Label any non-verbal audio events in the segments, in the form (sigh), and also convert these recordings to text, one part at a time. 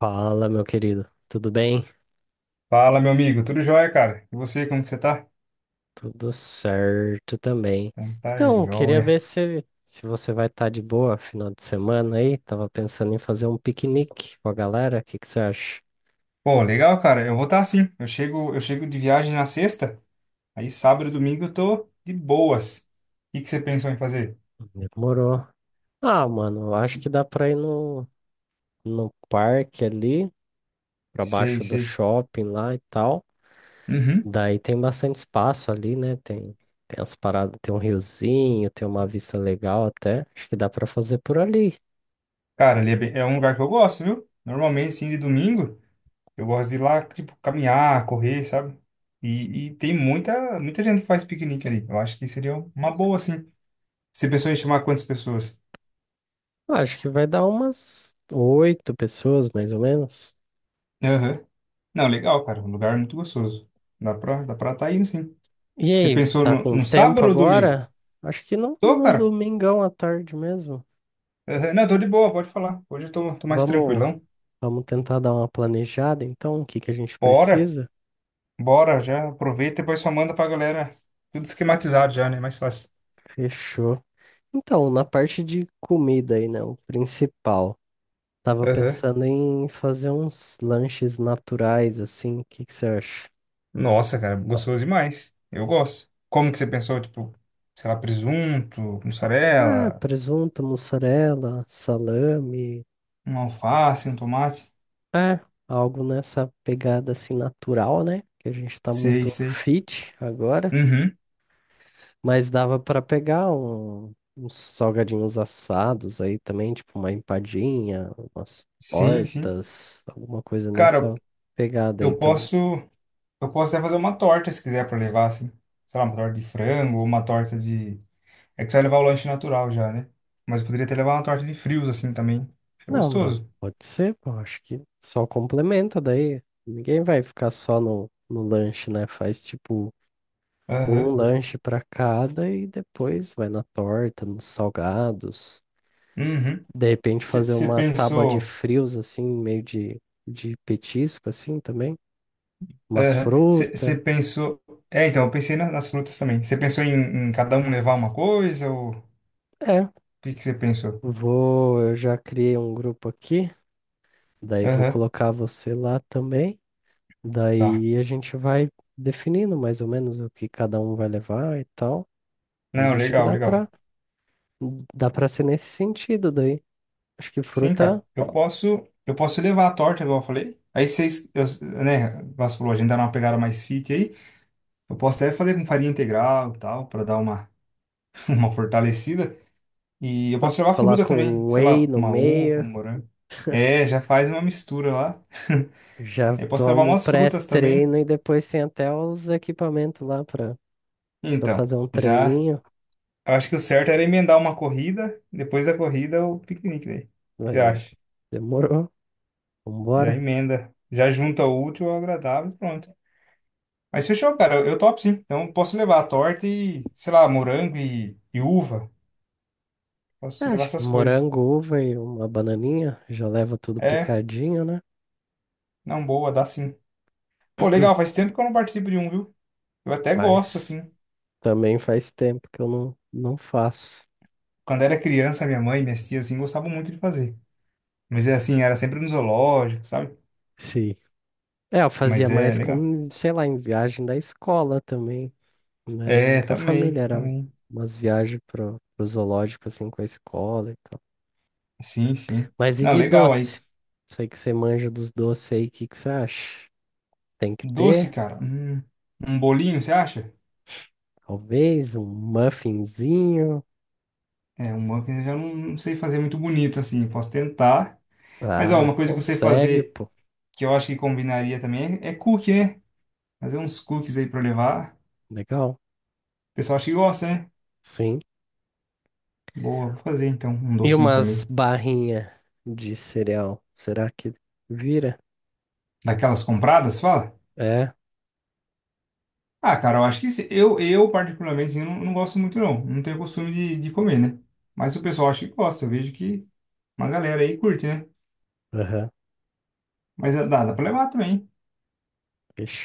Fala, meu querido. Tudo bem? Fala, meu amigo, tudo jóia, cara? E você, como que você tá? Tudo certo também. Então tá Então, queria jóia. ver se você vai estar de boa final de semana aí. Tava pensando em fazer um piquenique com a galera. O que que você acha? Pô, legal, cara. Eu vou estar assim. Eu chego de viagem na sexta, aí sábado e domingo eu tô de boas. O que que você pensou em fazer? Demorou. Ah, mano, eu acho que dá pra ir no parque ali, pra Sei, baixo do sei. shopping lá e tal. Uhum. Daí tem bastante espaço ali, né? Tem as paradas, tem um riozinho, tem uma vista legal até. Acho que dá pra fazer por ali. Cara, ali é um lugar que eu gosto, viu? Normalmente, sim, de domingo, eu gosto de ir lá, tipo, caminhar, correr, sabe? E tem muita, muita gente que faz piquenique ali. Eu acho que seria uma boa, assim. Você pensou em chamar quantas pessoas? Acho que vai dar umas oito pessoas, mais ou menos. Não, legal, cara. Um lugar muito gostoso. Dá pra tá indo, sim. E Você aí, pensou tá no, com no tempo sábado ou domingo? agora? Acho que no, Tô, no cara. domingão à tarde mesmo. Não, tô de boa, pode falar. Hoje eu tô mais Vamos, tranquilão. vamos tentar dar uma planejada, então, o que que a gente Bora, precisa? bora, já aproveita e depois só manda pra galera. Tudo esquematizado já, né? Mais fácil. Fechou. Então, na parte de comida aí, né, o principal. Tava Aham. pensando em fazer uns lanches naturais, assim, o que que você acha? Nossa, cara, gostoso demais. Eu gosto. Como que você pensou? Tipo, sei lá, presunto, Ah, mussarela, presunto, mussarela, salame. um alface, um tomate? É, algo nessa pegada assim natural, né? Que a gente tá Sei, muito sei. fit agora, Uhum. mas dava pra pegar uns salgadinhos assados aí também, tipo uma empadinha, umas Sim, sim. tortas, alguma coisa Cara, nessa pegada aí eu também. posso. Eu posso até fazer uma torta se quiser pra levar, assim. Sei lá, uma torta de frango ou uma torta de. É que você vai levar o lanche natural já, né? Mas poderia até levar uma torta de frios, assim também. Fica Não dá, gostoso. pode ser, pô, acho que só complementa daí. Ninguém vai ficar só no lanche, né? Faz tipo um Aham. lanche pra cada e depois vai na torta, nos salgados. Uhum. De repente fazer Você uma tábua de pensou. frios, assim, meio de petisco, assim, também. Umas Aham. frutas. Você pensou. É, então, eu pensei nas frutas também. Você pensou em, em cada um levar uma coisa ou o É, que que você pensou? vou... Eu já criei um grupo aqui. Daí vou Aham, colocar você lá também. tá. Daí a gente vai definindo mais ou menos o que cada um vai levar e tal. Mas Não, acho que legal, dá legal. pra, dá pra ser nesse sentido daí. Acho que Sim, fruta, cara. Eu posso levar a torta, igual eu falei. Aí vocês, eu- né, você falou, a gente dá uma pegada mais fit aí. Eu posso até fazer com farinha integral e tal, para dar uma, (laughs) uma fortalecida. E eu posso levar fruta coloca também, um sei whey lá, no uma uva, um meio, morango. É, já faz uma mistura lá. (laughs) já Aí eu posso levar toma um umas frutas também. pré-treino e depois tem até os equipamentos lá pra pra Então, fazer um já. treininho. Eu acho que o certo era emendar uma corrida, depois da corrida o piquenique daí. O que você Aí, ó. acha? Demorou. Já Vambora. emenda. Já junta o útil ao agradável e pronto. Mas fechou, cara. Eu topo sim. Então eu posso levar a torta e, sei lá, morango e uva. É, Posso levar acho que essas coisas. morango, uva e uma bananinha. Já leva tudo É, picadinho, né? não, boa, dá sim. Pô, legal, faz tempo que eu não participo de um, viu? Eu até gosto, Mas assim. também faz tempo que eu não faço. Quando era criança, minha mãe, minhas tias, assim, gostavam muito de fazer. Mas é assim, era sempre no zoológico, sabe? Sim. É, eu Mas fazia é mais legal. quando, sei lá, em viagem da escola também. Não era nem É, com a família, também, era também. umas viagens pro zoológico, assim, com a escola e tal. Sim, sim. Mas e Não, de legal. Aí, doce? Sei que você manja dos doces aí, o que que você acha? Tem que doce, ter? cara. Um bolinho, você acha? Talvez um muffinzinho. É, um muffin eu já não sei fazer muito bonito, assim. Posso tentar. Mas, ó, Ah, uma coisa que eu sei consegue, fazer, pô. que eu acho que combinaria também, é cookie, né? Fazer uns cookies aí pra levar. Legal. O pessoal acha que gosta, né? Sim. Boa, vou fazer então um E docinho umas também. barrinhas de cereal. Será que vira? Daquelas compradas, fala? É? Ah, cara, eu acho que sim. Eu particularmente, assim, não, não gosto muito, não. Não tenho costume de comer, né? Mas o pessoal acha que gosta. Eu vejo que uma galera aí curte, né? Aham. Mas dá, dá pra levar também, hein?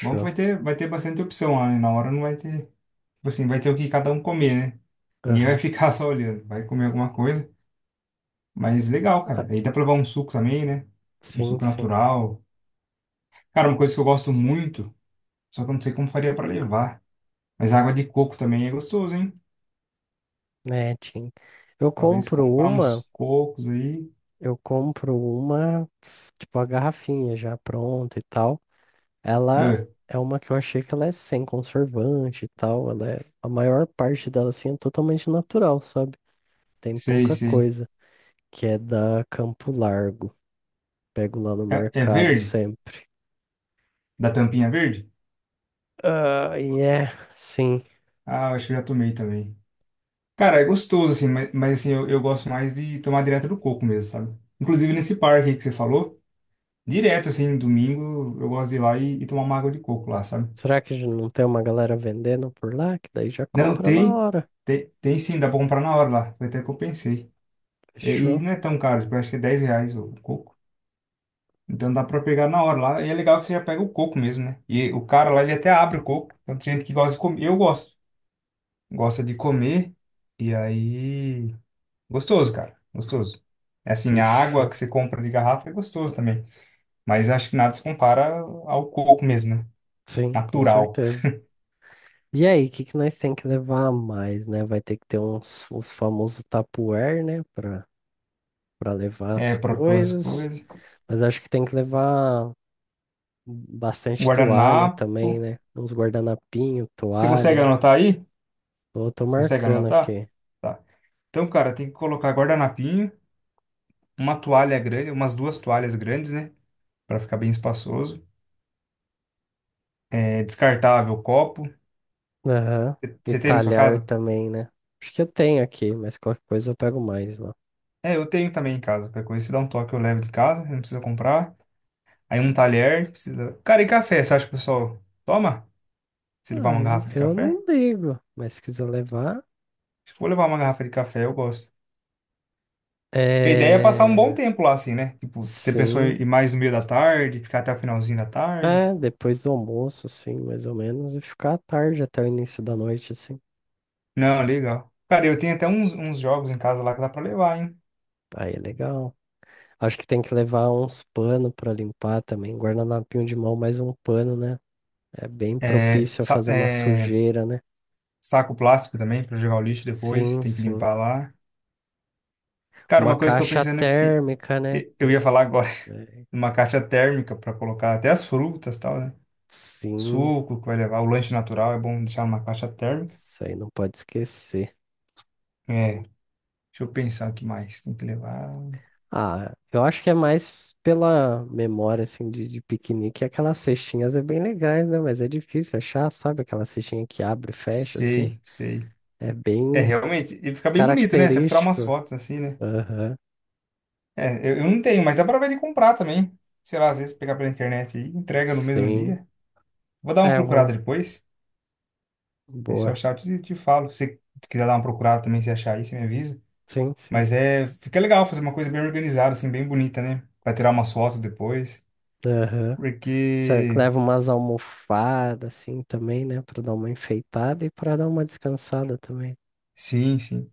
Bom que vai ter bastante opção lá, né? Na hora não vai ter. Tipo assim, vai ter o que cada um comer, né? Ninguém vai Aham. ficar (laughs) só olhando. Vai comer alguma coisa. Mas legal, Ah, cara. Aí dá pra levar um suco também, né? Um sim, suco sim. natural. Cara, uma coisa que eu gosto muito, só que eu não sei como faria pra levar. Mas água de coco também é gostoso, hein? Netinho. Eu Talvez compro comprar uma, uns cocos aí. eu compro uma, tipo a garrafinha já pronta e tal. Ela Ah, é uma que eu achei que ela é sem conservante e tal. Ela é, a maior parte dela assim é totalmente natural, sabe? Tem sei, pouca sei. coisa, que é da Campo Largo. Pego lá no É, é mercado verde? sempre. Da tampinha verde? Ah, e é, sim. Ah, acho que eu já tomei também. Cara, é gostoso, assim, mas assim, eu gosto mais de tomar direto do coco mesmo, sabe? Inclusive nesse parque aí que você falou, direto, assim, domingo, eu gosto de ir lá e tomar uma água de coco lá, sabe? Será que não tem uma galera vendendo por lá? Que daí já Não, compra na tem, hora. tem, tem sim, dá pra comprar na hora lá. Foi até que eu pensei. É, e, Fechou? não é tão caro, tipo, acho que é R$ 10 o coco. Então dá pra pegar na hora lá. E é legal que você já pega o coco mesmo, né? E o cara lá, ele até abre o coco. Então tem gente que gosta de comer. Eu gosto. Gosta de comer. E aí. Gostoso, cara. Gostoso. É assim, a água Fechou. que você compra de garrafa é gostoso também. Mas acho que nada se compara ao coco mesmo, né? Sim, com Natural. certeza. E aí, o que que nós tem que levar a mais, né? Vai ter que ter uns, os famosos Tupperware, né? Pra levar É, as para as coisas. coisas. Mas acho que tem que levar bastante toalha Guardanapo. também, né? Uns guardanapinho, Você consegue toalha. anotar aí? Tô Consegue marcando anotar? aqui. Tá. Então, cara, tem que colocar guardanapinho, uma toalha grande, umas duas toalhas grandes, né? Pra ficar bem espaçoso. É descartável o copo. Aham. E Você tem na sua talhar casa? também, né? Acho que eu tenho aqui, mas qualquer coisa eu pego mais lá. É, eu tenho também em casa. Qualquer coisa, se dá um toque, eu levo de casa, não precisa comprar. Aí um talher, precisa. Cara, e café? Você acha que o pessoal toma? Se levar Ah, uma eu, garrafa de eu café? não ligo, mas se quiser levar. Acho que vou levar uma garrafa de café, eu gosto. Porque a ideia é passar um bom É. tempo lá, assim, né? Tipo, você pensou Sim. em ir mais no meio da tarde, ficar até o finalzinho da tarde? É, depois do almoço, assim, mais ou menos, e ficar à tarde até o início da noite, assim. Não, legal. Cara, eu tenho até uns, uns jogos em casa lá que dá pra levar, hein? Aí é legal. Acho que tem que levar uns pano pra limpar também. Guardanapinho de mão, mais um pano, né? É bem É, propício a fazer uma sujeira, né? saco plástico também, pra jogar o lixo depois, Sim, tem que sim. limpar lá. Cara, Uma uma coisa que eu tô caixa pensando é que térmica, né? Eu ia falar agora (laughs) de uma caixa térmica para colocar até as frutas e tal, né? Sim, Suco que vai levar, o lanche natural é bom deixar numa caixa térmica. isso aí não pode esquecer. É, deixa eu pensar o que mais tem que levar. Ah, eu acho que é mais pela memória, assim, de piquenique. Aquelas cestinhas é bem legais, né? Mas é difícil achar, sabe? Aquela cestinha que abre e fecha, assim. Sei, sei. É É, bem realmente, e fica bem bonito, né? Até pra tirar umas característico. fotos assim, né? Aham, É, eu não tenho, mas dá pra ver de comprar também. Sei lá, às vezes pegar pela internet e entrega no mesmo sim. dia. Vou dar uma É, vou. procurada depois. Aí se eu Boa. achar, eu te falo. Se você quiser dar uma procurada também, se achar aí, você me avisa. Sim, sim. Mas é, fica legal fazer uma coisa bem organizada, assim, bem bonita, né? Vai tirar umas fotos depois. Aham. Será que Porque, leva umas almofadas, assim, também, né? Pra dar uma enfeitada e pra dar uma descansada também. sim, sim.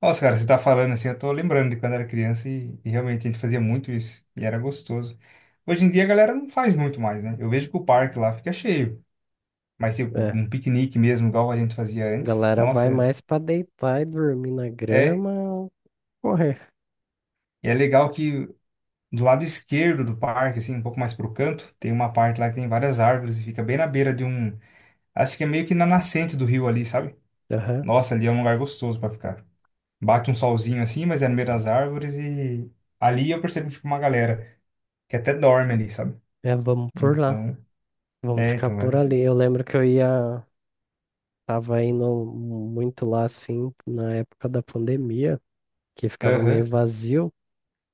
Nossa, cara, você tá falando assim, eu tô lembrando de quando era criança e realmente a gente fazia muito isso. E era gostoso. Hoje em dia a galera não faz muito mais, né? Eu vejo que o parque lá fica cheio. Mas, tipo, É. um piquenique mesmo, igual a gente fazia A antes. galera vai Nossa, mais pra deitar e dormir na é. grama ou correr. E é legal que do lado esquerdo do parque, assim, um pouco mais pro canto, tem uma parte lá que tem várias árvores e fica bem na beira de um. Acho que é meio que na nascente do rio ali, sabe? Aham. Nossa, ali é um lugar gostoso pra ficar. Bate um solzinho assim, mas é no meio das árvores e ali eu percebo que fica uma galera que até dorme ali, sabe? É, vamos por lá. Então, Vamos é, ficar então, por é. ali. Eu lembro que eu ia. Tava indo muito lá assim, na época da pandemia, que ficava meio Aham, vazio.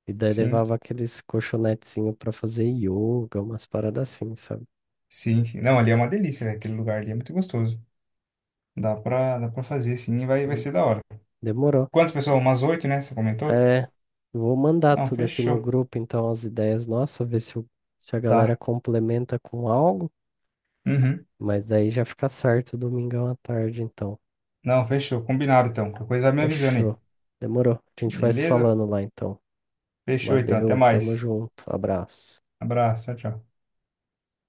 E daí sim, levava aqueles colchonetezinhos pra fazer yoga, umas paradas assim, sabe? sim, sim. Não, ali é uma delícia, velho. Aquele lugar ali é muito gostoso. Dá pra fazer, sim, e vai Mas ser da hora. demorou. Quantas pessoas? Umas oito, né? Você comentou? É, vou mandar Não, tudo aqui no fechou. grupo, então, as ideias nossas, ver se a galera Tá. complementa com algo. Uhum. Mas daí já fica certo, domingão à tarde, então. Não, fechou. Combinado, então. Qualquer coisa vai me avisando aí. Fechou. Demorou. A gente vai se Beleza? falando lá, então. Fechou, então. Até Valeu, tamo mais. junto. Abraço. Abraço, tchau, tchau.